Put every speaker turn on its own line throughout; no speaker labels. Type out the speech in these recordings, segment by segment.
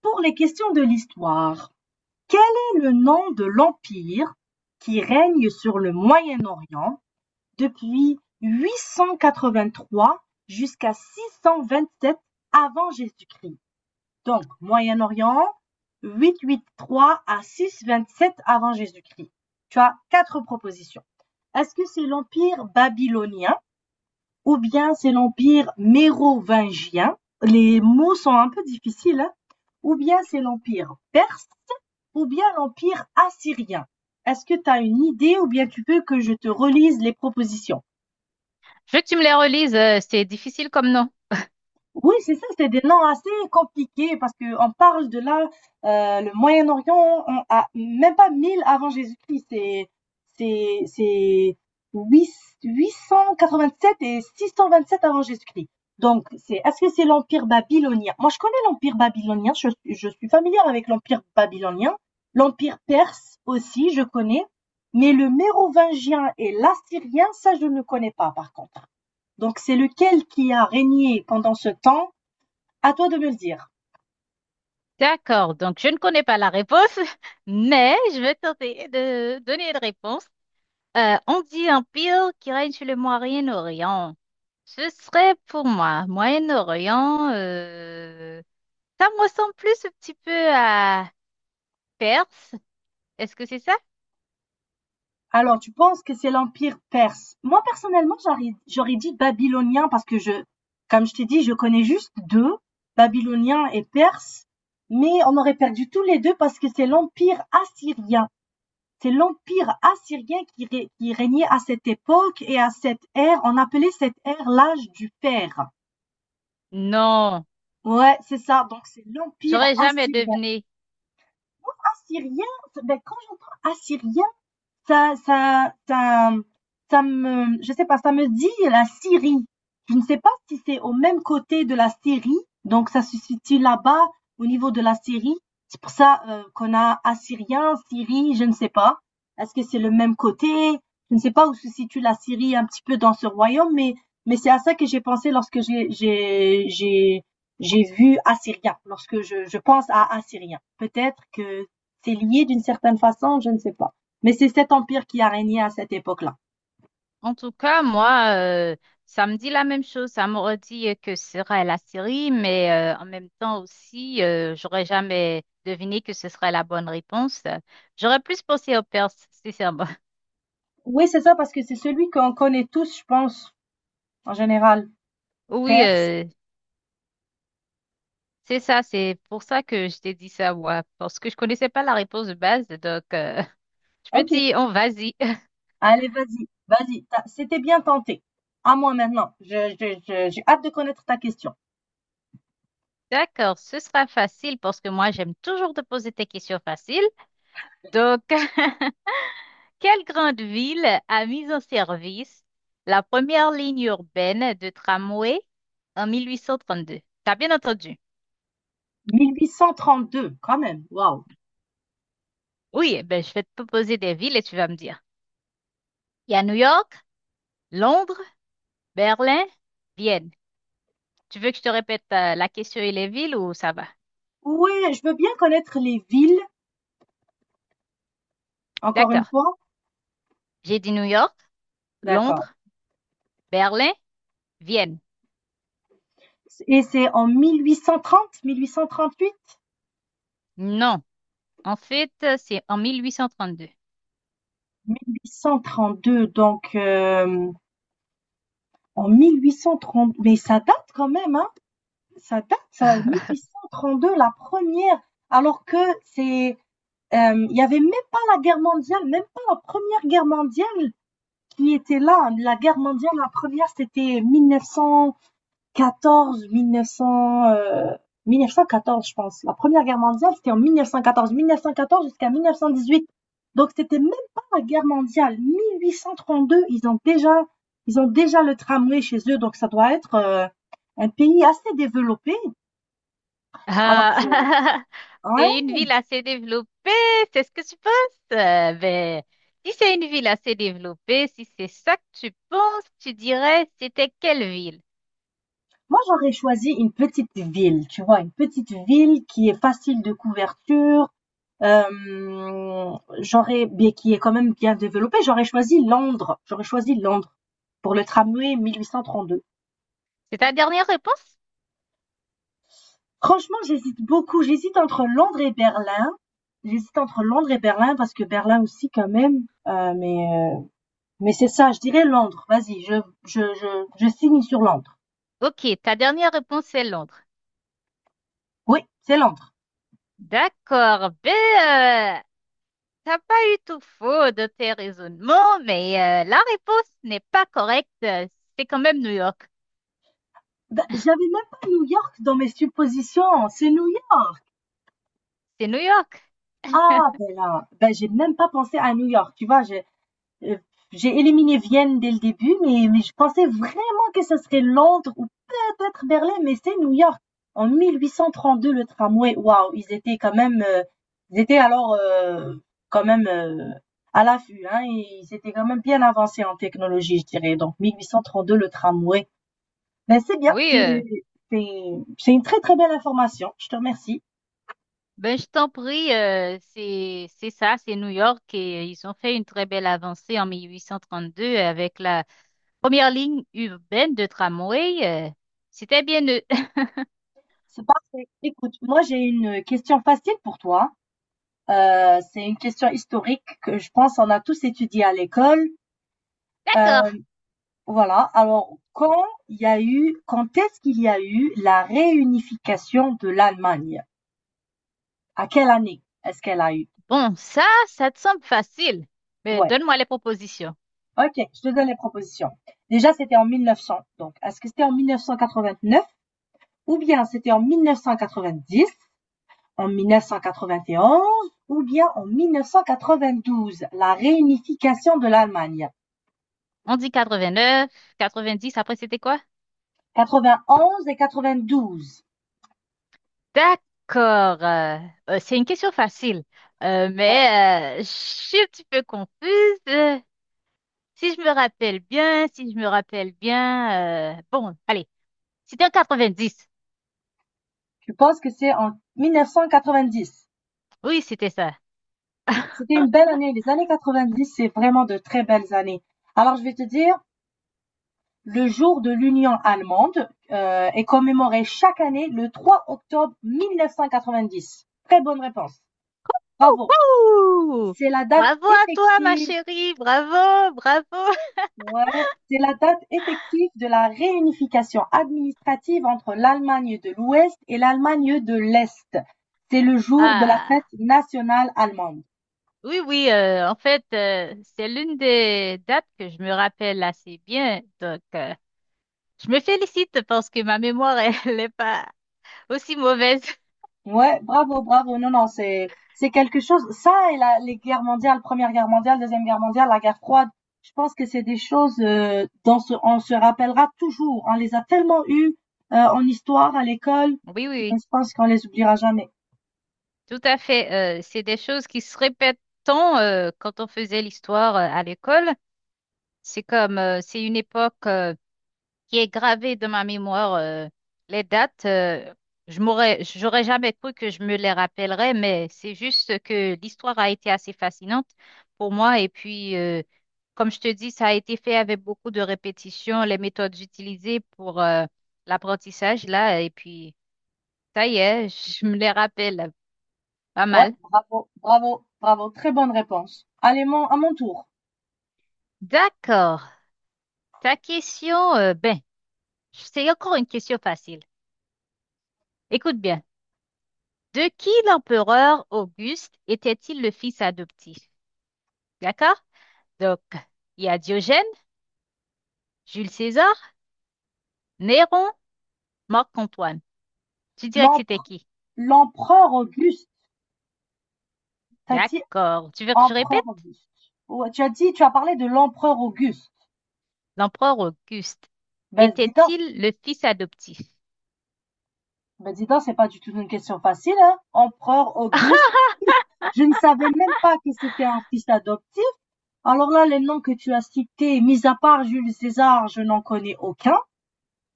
Pour les questions de l'histoire, quel est le nom de l'empire qui règne sur le Moyen-Orient depuis 883 jusqu'à 627 avant Jésus-Christ? Donc, Moyen-Orient, 883 à 627 avant Jésus-Christ. Tu as quatre propositions. Est-ce que c'est l'empire babylonien ou bien c'est l'empire mérovingien? Les mots sont un peu difficiles, hein? Ou bien c'est l'empire perse ou bien l'empire assyrien. Est-ce que tu as une idée ou bien tu veux que je te relise les propositions?
Je veux que tu me les relises, c'est difficile comme nom.
Oui, c'est ça, c'est des noms assez compliqués parce que on parle de là, le Moyen-Orient, on a même pas 1000 avant Jésus-Christ, c'est 887 et 627 avant Jésus-Christ. Donc, est-ce que c'est l'Empire babylonien? Moi, je connais l'Empire babylonien, je suis familière avec l'Empire babylonien, l'Empire perse aussi, je connais, mais le mérovingien et l'assyrien, ça, je ne connais pas, par contre. Donc, c'est lequel qui a régné pendant ce temps? À toi de me le dire.
D'accord, donc je ne connais pas la réponse, mais je vais tenter de donner une réponse. On dit empire qui règne sur le Moyen-Orient. Ce serait pour moi, Moyen-Orient, ça me ressemble plus un petit peu à Perse. Est-ce que c'est ça?
Alors, tu penses que c'est l'Empire perse? Moi, personnellement, j'aurais dit babylonien parce que comme je t'ai dit, je connais juste deux, babylonien et perse, mais on aurait perdu tous les deux parce que c'est l'Empire assyrien. C'est l'Empire assyrien qui régnait à cette époque et à cette ère. On appelait cette ère l'âge du fer.
Non,
Ouais, c'est ça. Donc, c'est l'Empire
j'aurais jamais
assyrien.
deviné.
Assyrien, ben, quand j'entends assyrien, ça, ça, ça, ça me, je sais pas, ça me dit la Syrie. Je ne sais pas si c'est au même côté de la Syrie, donc ça se situe là-bas au niveau de la Syrie. C'est pour ça qu'on a Assyrien, Syrie, je ne sais pas. Est-ce que c'est le même côté? Je ne sais pas où se situe la Syrie un petit peu dans ce royaume, mais c'est à ça que j'ai pensé lorsque j'ai vu Assyrien, lorsque je pense à Assyrien. Peut-être que c'est lié d'une certaine façon, je ne sais pas. Mais c'est cet empire qui a régné à cette époque-là.
En tout cas, moi, ça me dit la même chose. Ça m'aurait dit que ce serait la série, mais en même temps aussi, j'aurais jamais deviné que ce serait la bonne réponse. J'aurais plus pensé au Perse, sincèrement.
Oui, c'est ça, parce que c'est celui qu'on connaît tous, je pense, en général.
Oui,
Perse.
c'est ça. C'est pour ça que je t'ai dit ça, moi, parce que je connaissais pas la réponse de base. Je me
OK.
dis, on vas-y.
Allez, vas-y, vas-y. C'était bien tenté. À moi maintenant. J'ai hâte de connaître ta question.
D'accord, ce sera facile parce que moi, j'aime toujours te poser tes questions faciles. Donc, quelle grande ville a mis en service la première ligne urbaine de tramway en 1832? T'as bien entendu?
1832, quand même. Waouh.
Oui, eh ben je vais te proposer des villes et tu vas me dire. Il y a New York, Londres, Berlin, Vienne. Tu veux que je te répète la question et les villes ou ça va?
Ouais, je veux bien connaître les villes, encore une
D'accord.
fois.
J'ai dit New York,
D'accord.
Londres, Berlin, Vienne.
Et c'est en 1830, 1838,
Non. En fait, c'est en 1832.
1832, donc en 1830, mais ça date quand même, hein, ça date, ça, 1832, la première, alors que c'est, il n'y avait même pas la guerre mondiale, même pas la première guerre mondiale qui était là. La guerre mondiale, la première, c'était 1900, 14, 1900, 1914, je pense. La Première Guerre mondiale, c'était en 1914. 1914 jusqu'à 1918. Donc, c'était même pas la guerre mondiale. 1832, ils ont déjà le tramway chez eux. Donc, ça doit être un pays assez développé. Alors,
Ah,
je- ouais.
c'est une ville assez développée, c'est ce que tu penses? Euh, ben, Si c'est une ville assez développée, si c'est ça que tu penses, tu dirais c'était quelle ville?
Moi, j'aurais choisi une petite ville, tu vois, une petite ville qui est facile de couverture, euh, qui est quand même bien développé, j'aurais choisi Londres. J'aurais choisi Londres pour le tramway 1832.
C'est ta dernière réponse?
Franchement, j'hésite beaucoup. J'hésite entre Londres et Berlin. J'hésite entre Londres et Berlin parce que Berlin aussi quand même. Mais c'est ça, je dirais Londres. Vas-y, je signe sur Londres.
Ok, ta dernière réponse c'est Londres.
Oui, c'est Londres.
D'accord, euh, t'as pas eu tout faux de tes raisonnements, mais la réponse n'est pas correcte. C'est quand même New York.
Ben, j'avais même pas New York dans mes suppositions. C'est New York.
C'est New York.
Ah, ben là, ben j'ai même pas pensé à New York. Tu vois, Euh, j'ai éliminé Vienne dès le début, mais je pensais vraiment que ce serait Londres ou peut-être Berlin, mais c'est New York. En 1832, le tramway, waouh, ils étaient quand même, ils étaient alors quand même à l'affût, hein, et ils étaient quand même bien avancés en technologie, je dirais. Donc 1832, le tramway. Ben c'est bien, c'est
Oui.
c'est- c'est une très très belle information. Je te remercie.
Ben, je t'en prie, c'est ça, c'est New York et ils ont fait une très belle avancée en 1832 avec la première ligne urbaine de tramway. C'était bien eux.
C'est parfait. Écoute, moi j'ai une question facile pour toi. C'est une question historique que je pense on a tous étudié à l'école.
D'accord.
Euh, voilà. Alors, quand est-ce qu'il y a eu la réunification de l'Allemagne? À quelle année est-ce qu'elle a eu?
Bon, ça te semble facile. Mais
Ouais.
donne-moi les propositions.
Ok, je te donne les propositions. Déjà, c'était en 1900. Donc, est-ce que c'était en 1989 ou bien c'était en 1990, en 1991 ou bien en 1992, la réunification de l'Allemagne?
On dit quatre-vingt-neuf, quatre-vingt-dix. Après c'était quoi?
91 et 92.
D'accord. C'est une question facile.
Ouais.
Je suis un petit peu confuse. euh, Si je me rappelle bien, si je me rappelle bien, bon, allez. C'était en 90.
Je pense que c'est en 1990.
Oui, c'était ça.
C'était une belle année. Les années 90, c'est vraiment de très belles années. Alors, je vais te dire, le jour de l'Union allemande est commémoré chaque année le 3 octobre 1990. Très bonne réponse. Bravo.
Wouhou!
C'est la date
Bravo à toi, ma
effective.
chérie. Bravo, bravo.
Ouais, c'est la date effective de la réunification administrative entre l'Allemagne de l'Ouest et l'Allemagne de l'Est. C'est le jour de la
Ah,
fête nationale allemande.
oui, oui. En fait, c'est l'une des dates que je me rappelle assez bien. Je me félicite parce que ma mémoire, elle n'est pas aussi mauvaise.
Ouais, bravo, bravo. Non, non, c'est quelque chose. Ça et les guerres mondiales, Première Guerre mondiale, Deuxième Guerre mondiale, la guerre froide. Je pense que c'est des choses dont on se rappellera toujours. On les a tellement eues en histoire à l'école
Oui, oui,
que
oui.
je pense qu'on les oubliera jamais.
Tout à fait. C'est des choses qui se répètent tant quand on faisait l'histoire à l'école. C'est comme, c'est une époque, qui est gravé de ma mémoire. Les dates, je m'aurais, j'aurais jamais cru que je me les rappellerais, mais c'est juste que l'histoire a été assez fascinante pour moi. Et puis, comme je te dis, ça a été fait avec beaucoup de répétitions, les méthodes utilisées pour l'apprentissage là. Et puis, ça y est, je me les rappelle pas
Ouais,
mal.
bravo, bravo, bravo. Très bonne réponse. Allez, à mon tour.
D'accord. Ta question, c'est encore une question facile. Écoute bien. De qui l'empereur Auguste était-il le fils adoptif? D'accord? Donc, il y a Diogène, Jules César, Néron, Marc-Antoine. Tu dirais que c'était
L'empre-
qui?
L'empereur Auguste. T'as dit
D'accord. Tu veux que je
empereur
répète?
Auguste. Ouais, tu as parlé de l'empereur Auguste.
L'empereur Auguste
Ben, dis donc,
était-il le fils adoptif?
Ben, dis donc, c'est pas du tout une question facile, hein? Empereur Auguste. Je ne savais même pas que c'était un fils adoptif. Alors là, les noms que tu as cités, mis à part Jules César, je n'en connais aucun.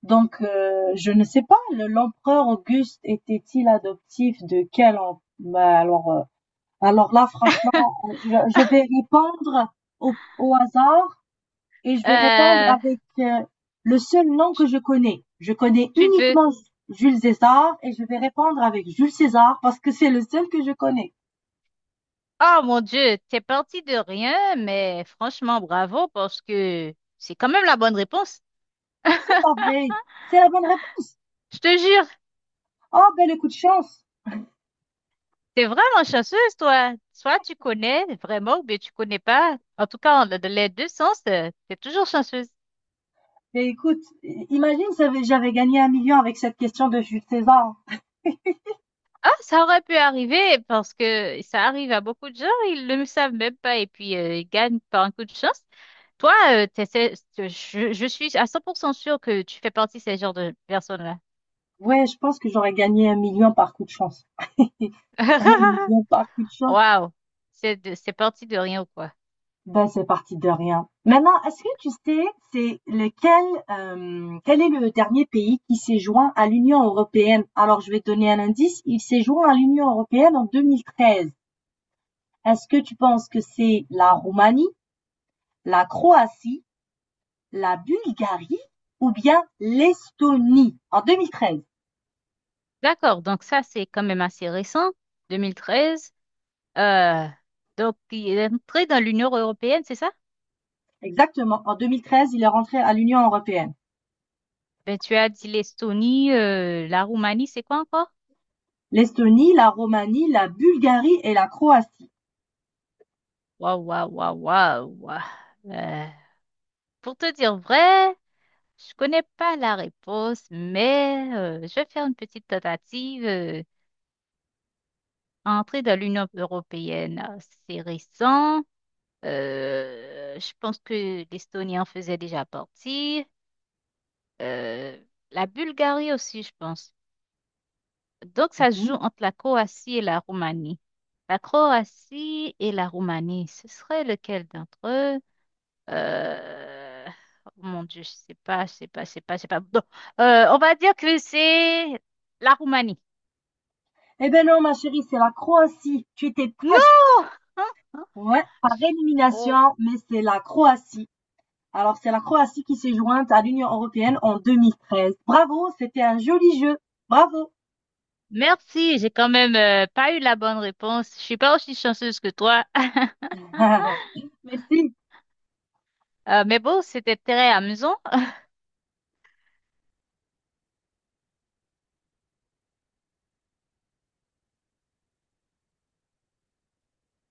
Donc, je ne sais pas, l'empereur Auguste était-il adoptif de quel empereur? alors, euh, alors là, franchement, je, je vais répondre au hasard et je vais répondre
Euh,
avec le seul nom que
tu
je connais. Je connais
tu veux?
uniquement Jules César et je vais répondre avec Jules César parce que c'est le seul que je connais.
Oh mon Dieu, t'es parti de rien, mais franchement, bravo parce que c'est quand même la bonne réponse.
C'est pas vrai. C'est la bonne réponse.
Je te jure.
Oh, ben le coup de chance.
T'es vraiment chanceuse, toi. Soit tu connais vraiment ou bien tu connais pas. En tout cas, dans les deux sens, t'es toujours chanceuse.
Mais écoute, imagine si j'avais gagné un million avec cette question de Jules César.
Ah, ça aurait pu arriver parce que ça arrive à beaucoup de gens, ils ne le savent même pas et puis ils gagnent par un coup de chance. Toi, t'essaies- je suis à 100% sûre que tu fais partie de ces genres de personnes-là.
Ouais, je pense que j'aurais gagné un million par coup de chance. Un million par coup de chance.
Waouh, c'est de- c'est parti de rien ou quoi.
Ben, c'est parti de rien. Maintenant, est-ce que tu sais, c'est lequel, quel est le dernier pays qui s'est joint à l'Union européenne? Alors, je vais te donner un indice. Il s'est joint à l'Union européenne en 2013. Est-ce que tu penses que c'est la Roumanie, la Croatie, la Bulgarie ou bien l'Estonie? En 2013.
D'accord, donc ça c'est quand même assez récent, 2013. Euh, donc, il est entré dans l'Union européenne, c'est ça?
Exactement. En 2013, il est rentré à l'Union européenne.
Ben, tu as dit l'Estonie, la Roumanie, c'est quoi encore?
L'Estonie, la Roumanie, la Bulgarie et la Croatie.
Waouh, waouh, waouh, waouh, waouh. Euh, Pour te dire vrai, je connais pas la réponse, mais je vais faire une petite tentative. Entrer dans l'Union européenne, c'est récent. Je pense que l'Estonie en faisait déjà partie. Euh, la Bulgarie aussi, je pense. Donc, ça se joue
Mhm.
entre la Croatie et la Roumanie. La Croatie et la Roumanie, ce serait lequel d'entre eux? Euh, oh mon Dieu, je sais pas, je sais pas, je sais pas, je sais pas. Bon, on va dire que c'est la Roumanie.
Eh ben non, ma chérie, c'est la Croatie. Tu étais presque.
Non!
Ouais, par
Oh,
élimination, mais c'est la Croatie. Alors, c'est la Croatie qui s'est jointe à l'Union européenne en 2013. Bravo, c'était un joli jeu. Bravo.
merci, j'ai quand même pas eu la bonne réponse. Je suis pas aussi chanceuse que toi.
Merci.
Mais bon, c'était très amusant.